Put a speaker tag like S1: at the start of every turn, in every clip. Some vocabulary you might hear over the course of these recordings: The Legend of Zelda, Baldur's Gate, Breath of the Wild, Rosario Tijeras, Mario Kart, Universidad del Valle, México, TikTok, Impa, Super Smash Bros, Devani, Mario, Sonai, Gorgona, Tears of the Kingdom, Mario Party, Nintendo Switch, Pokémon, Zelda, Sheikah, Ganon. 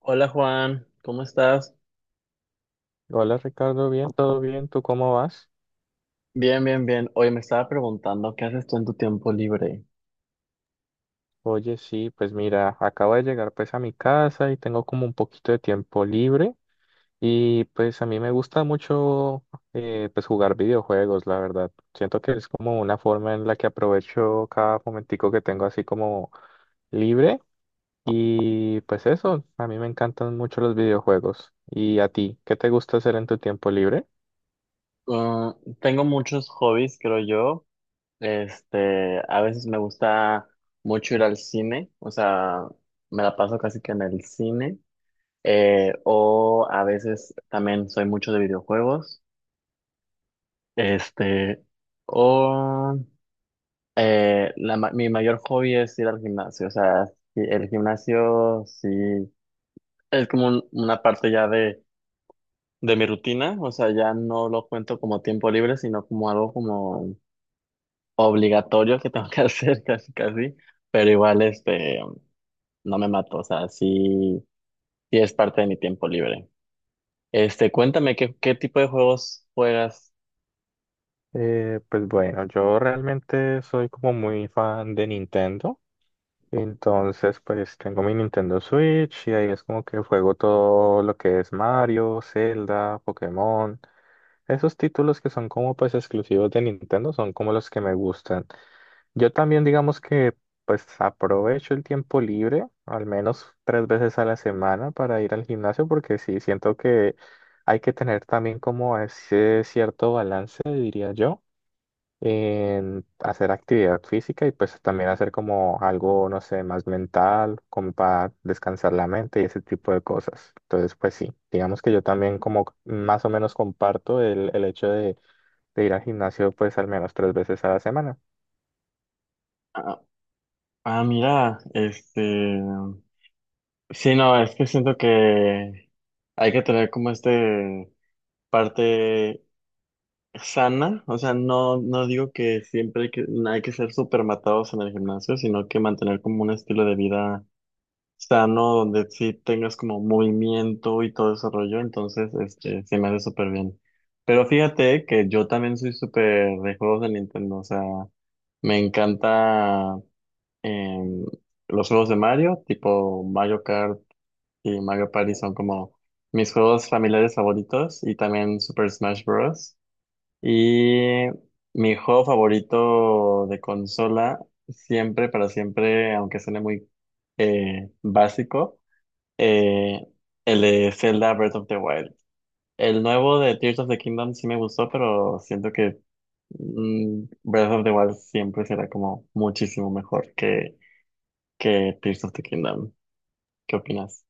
S1: Hola Juan, ¿cómo estás?
S2: Hola Ricardo, bien, todo bien, ¿tú cómo vas?
S1: Bien, bien, bien. Oye, me estaba preguntando, ¿qué haces tú en tu tiempo libre?
S2: Oye, sí, pues mira, acabo de llegar pues a mi casa y tengo como un poquito de tiempo libre y pues a mí me gusta mucho pues jugar videojuegos, la verdad. Siento que es como una forma en la que aprovecho cada momentico que tengo así como libre y pues eso, a mí me encantan mucho los videojuegos. ¿Y a ti? ¿Qué te gusta hacer en tu tiempo libre?
S1: Ah, tengo muchos hobbies, creo yo. A veces me gusta mucho ir al cine, o sea, me la paso casi que en el cine. O a veces también soy mucho de videojuegos. Este, o La mi mayor hobby es ir al gimnasio, o sea, sí, el gimnasio sí es como una parte ya de mi rutina, o sea, ya no lo cuento como tiempo libre, sino como algo como obligatorio que tengo que hacer casi casi, pero igual no me mato, o sea, sí, sí es parte de mi tiempo libre. Cuéntame qué, qué tipo de juegos juegas.
S2: Pues bueno, yo realmente soy como muy fan de Nintendo. Entonces, pues tengo mi Nintendo Switch y ahí es como que juego todo lo que es Mario, Zelda, Pokémon. Esos títulos que son como pues exclusivos de Nintendo son como los que me gustan. Yo también digamos que pues aprovecho el tiempo libre al menos 3 veces a la semana para ir al gimnasio porque sí, siento que hay que tener también como ese cierto balance, diría yo en hacer actividad física y pues también hacer como algo, no sé, más mental, como para descansar la mente y ese tipo de cosas. Entonces, pues sí, digamos que yo también como más o menos comparto el hecho de ir al gimnasio pues al menos 3 veces a la semana.
S1: Ah, ah, mira, sí, no, es que siento que hay que tener como parte sana, o sea, no, no digo que siempre hay que ser súper matados en el gimnasio, sino que mantener como un estilo de vida sano, donde sí tengas como movimiento y todo ese rollo, entonces, se me hace súper bien. Pero fíjate que yo también soy súper de juegos de Nintendo, o sea, me encanta em, los juegos de Mario, tipo Mario Kart y Mario Party son como mis juegos familiares favoritos y también Super Smash Bros. Y mi juego favorito de consola, siempre, para siempre, aunque suene muy básico, eh, el de Zelda Breath of the Wild. El nuevo de Tears of the Kingdom sí me gustó, pero siento que Breath of the Wild siempre será como muchísimo mejor que Tears of the Kingdom. ¿Qué opinas?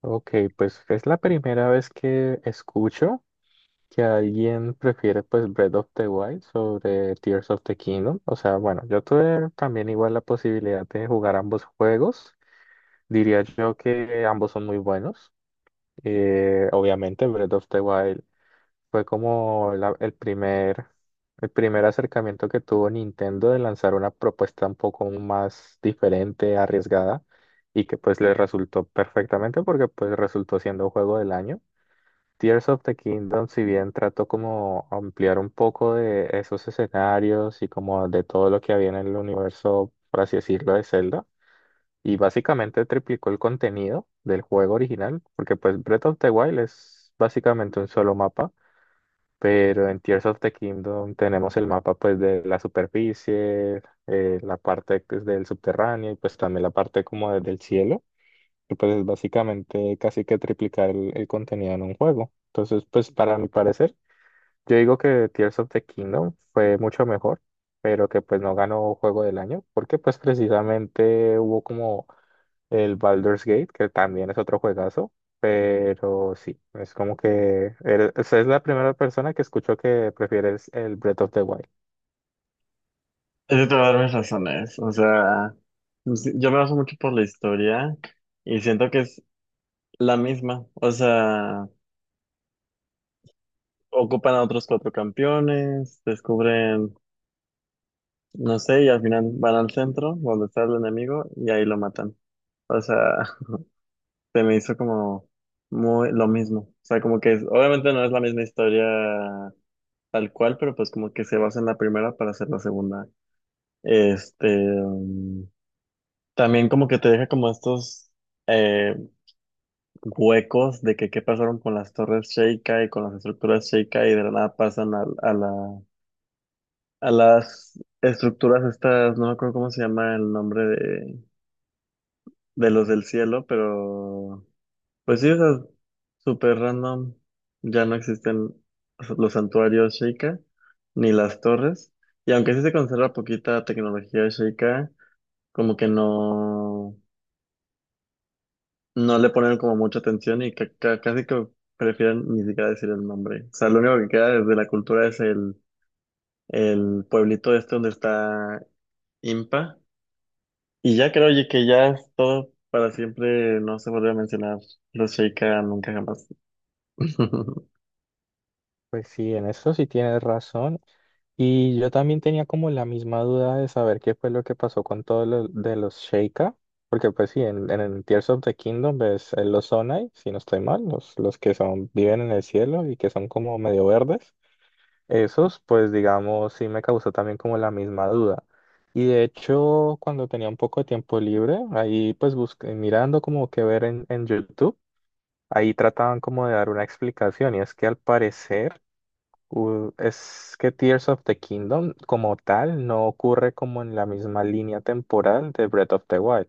S2: Ok, pues es la primera vez que escucho que alguien prefiere pues Breath of the Wild sobre Tears of the Kingdom. O sea, bueno, yo tuve también igual la posibilidad de jugar ambos juegos. Diría yo que ambos son muy buenos. Obviamente, Breath of the Wild fue como el primer acercamiento que tuvo Nintendo de lanzar una propuesta un poco más diferente, arriesgada, y que pues le resultó perfectamente porque pues resultó siendo juego del año. Tears of the Kingdom, si bien trató como ampliar un poco de esos escenarios y como de todo lo que había en el universo, por así decirlo, de Zelda y básicamente triplicó el contenido del juego original, porque pues Breath of the Wild es básicamente un solo mapa, pero en Tears of the Kingdom tenemos el mapa pues de la superficie, la parte pues, del subterráneo y pues también la parte del cielo, y pues es básicamente casi que triplicar el contenido en un juego. Entonces pues para mi parecer, yo digo que Tears of the Kingdom fue mucho mejor, pero que pues no ganó juego del año, porque pues precisamente hubo como el Baldur's Gate, que también es otro juegazo, pero sí, es como que o sea, es la primera persona que escucho que prefieres el Breath of the Wild.
S1: Yo te voy a dar mis razones. O sea, yo me baso mucho por la historia y siento que es la misma. O sea, ocupan a otros cuatro campeones, descubren, no sé, y al final van al centro donde está el enemigo y ahí lo matan. O sea, se me hizo como muy lo mismo. O sea, como que obviamente no es la misma historia tal cual, pero pues como que se basa en la primera para hacer la segunda. Este, mm, También como que te deja como estos eh, huecos de que qué pasaron con las torres Sheikah y con las estructuras Sheikah y de la nada pasan a la a las estructuras estas, no me acuerdo cómo se llama el nombre de los del cielo, pero pues sí, o sea, súper random. Ya no existen los santuarios Sheikah ni las torres. Y aunque sí se conserva poquita tecnología Sheikah, como que no, no le ponen como mucha atención y casi que prefieren ni siquiera decir el nombre. O sea, lo único que queda desde la cultura el pueblito este donde está Impa. Y ya creo oye, que ya es todo para siempre, no se vuelve a mencionar los Sheikah nunca jamás.
S2: Pues sí, en eso sí tienes razón. Y yo también tenía como la misma duda de saber qué fue lo que pasó con todos los de los Sheikah, porque pues sí, en el Tears of the Kingdom ves los Sonai, si no estoy mal, los que son, viven en el cielo y que son como medio verdes. Esos, pues digamos, sí me causó también como la misma duda. Y de hecho, cuando tenía un poco de tiempo libre, ahí pues busqué, mirando como que ver en YouTube, ahí trataban como de dar una explicación y es que al parecer es que Tears of the Kingdom como tal no ocurre como en la misma línea temporal de Breath of the Wild.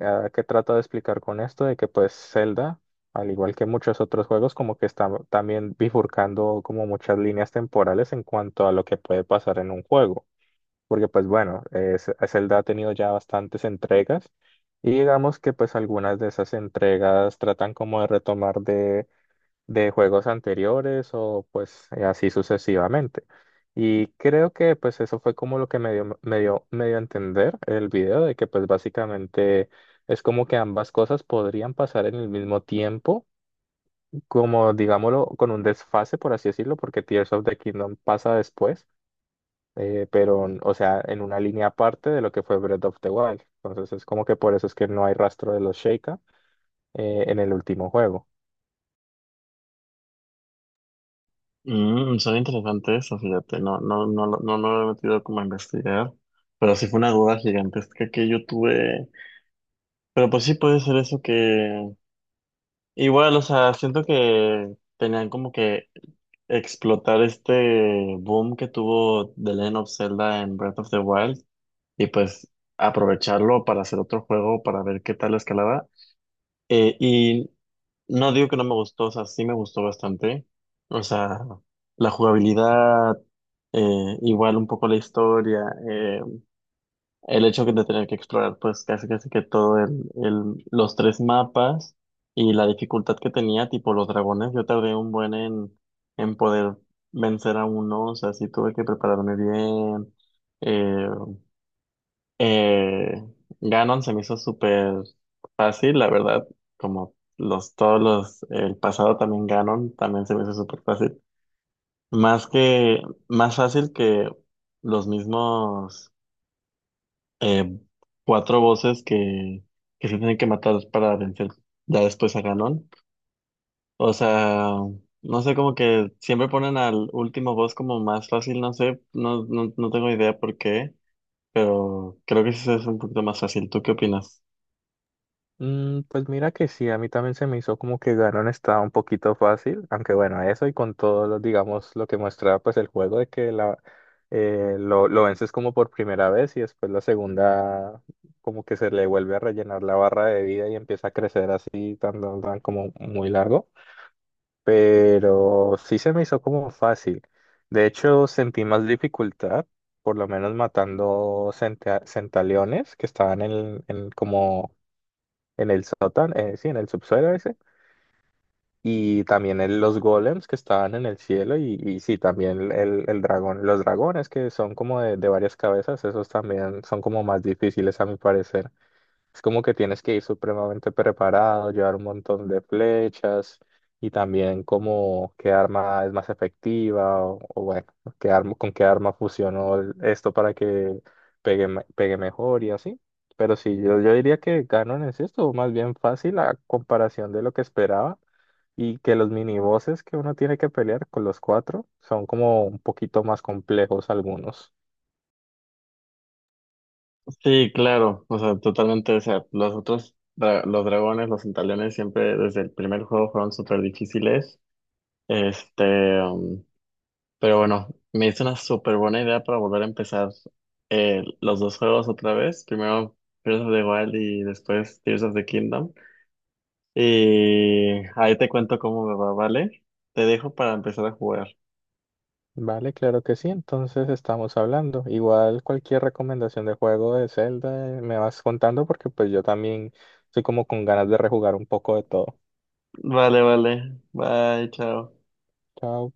S2: ¿A ¿Qué trato de explicar con esto? De que pues Zelda, al igual que muchos otros juegos, como que está también bifurcando como muchas líneas temporales en cuanto a lo que puede pasar en un juego. Porque pues bueno, Zelda ha tenido ya bastantes entregas y digamos que pues algunas de esas entregas tratan como de retomar de juegos anteriores o pues así sucesivamente. Y creo que pues eso fue como lo que me dio a entender el video de que pues básicamente es como que ambas cosas podrían pasar en el mismo tiempo, como digámoslo, con un desfase, por así decirlo, porque Tears of the Kingdom pasa después, pero o sea, en una línea aparte de lo que fue Breath of the Wild. Entonces es como que por eso es que no hay rastro de los Sheikah en el último juego.
S1: Mm, son interesantes eso, fíjate, no, no, no, no, no lo he metido como a investigar, pero sí fue una duda gigantesca que yo tuve. Pero pues sí puede ser eso que, igual, o sea, siento que tenían como que explotar este boom que tuvo The Legend of Zelda en Breath of the Wild y pues aprovecharlo para hacer otro juego, para ver qué tal escalaba. Eh, y No digo que no me gustó, o sea, sí me gustó bastante. O sea, la jugabilidad, igual un poco la historia, eh, el hecho que de tener que explorar pues casi casi que todo los tres mapas y la dificultad que tenía, tipo los dragones, yo tardé un buen en poder vencer a uno, o sea, sí tuve que prepararme bien, eh, eh, Ganon se me hizo súper fácil, la verdad, como los todos los, el pasado también Ganon, también se me hizo súper fácil. Más que, más fácil que los mismos eh, cuatro voces que se tienen que matar para vencer ya después a Ganon. O sea, no sé, como que siempre ponen al último boss como más fácil, no sé, no, no, no tengo idea por qué, pero creo que sí es un poquito más fácil. ¿Tú qué opinas?
S2: Mm, pues mira que sí, a mí también se me hizo como que Ganon estaba un poquito fácil, aunque bueno, eso y con todo, digamos, lo que muestra pues el juego de que lo vences como por primera vez y después la segunda como que se le vuelve a rellenar la barra de vida y empieza a crecer así, tan, tan, tan como muy largo, pero sí se me hizo como fácil. De hecho, sentí más dificultad, por lo menos matando centaleones que estaban en como en el sótano, sí, en el subsuelo ese, y también en los golems que estaban en el cielo, y sí, también el dragón, los dragones que son como de varias cabezas, esos también son como más difíciles a mi parecer. Es como que tienes que ir supremamente preparado, llevar un montón de flechas y también como qué arma es más efectiva o bueno, qué arma, con qué arma fusionó esto para que pegue, pegue mejor y así. Pero sí, yo diría que Ganon es esto, más bien fácil a comparación de lo que esperaba y que los minibosses que uno tiene que pelear con los cuatro son como un poquito más complejos algunos.
S1: Sí, claro, o sea, totalmente, o sea, los otros, los dragones, los centaleones siempre desde el primer juego fueron súper difíciles, este, um, pero bueno, me hizo una súper buena idea para volver a empezar los dos juegos otra vez, primero Breath of the Wild y después Tears of the Kingdom, y ahí te cuento cómo me va, ¿vale? Te dejo para empezar a jugar.
S2: Vale, claro que sí, entonces estamos hablando. Igual cualquier recomendación de juego de Zelda me vas contando porque pues yo también estoy como con ganas de rejugar un poco de todo.
S1: Vale, vale, bye, chao.
S2: Chao.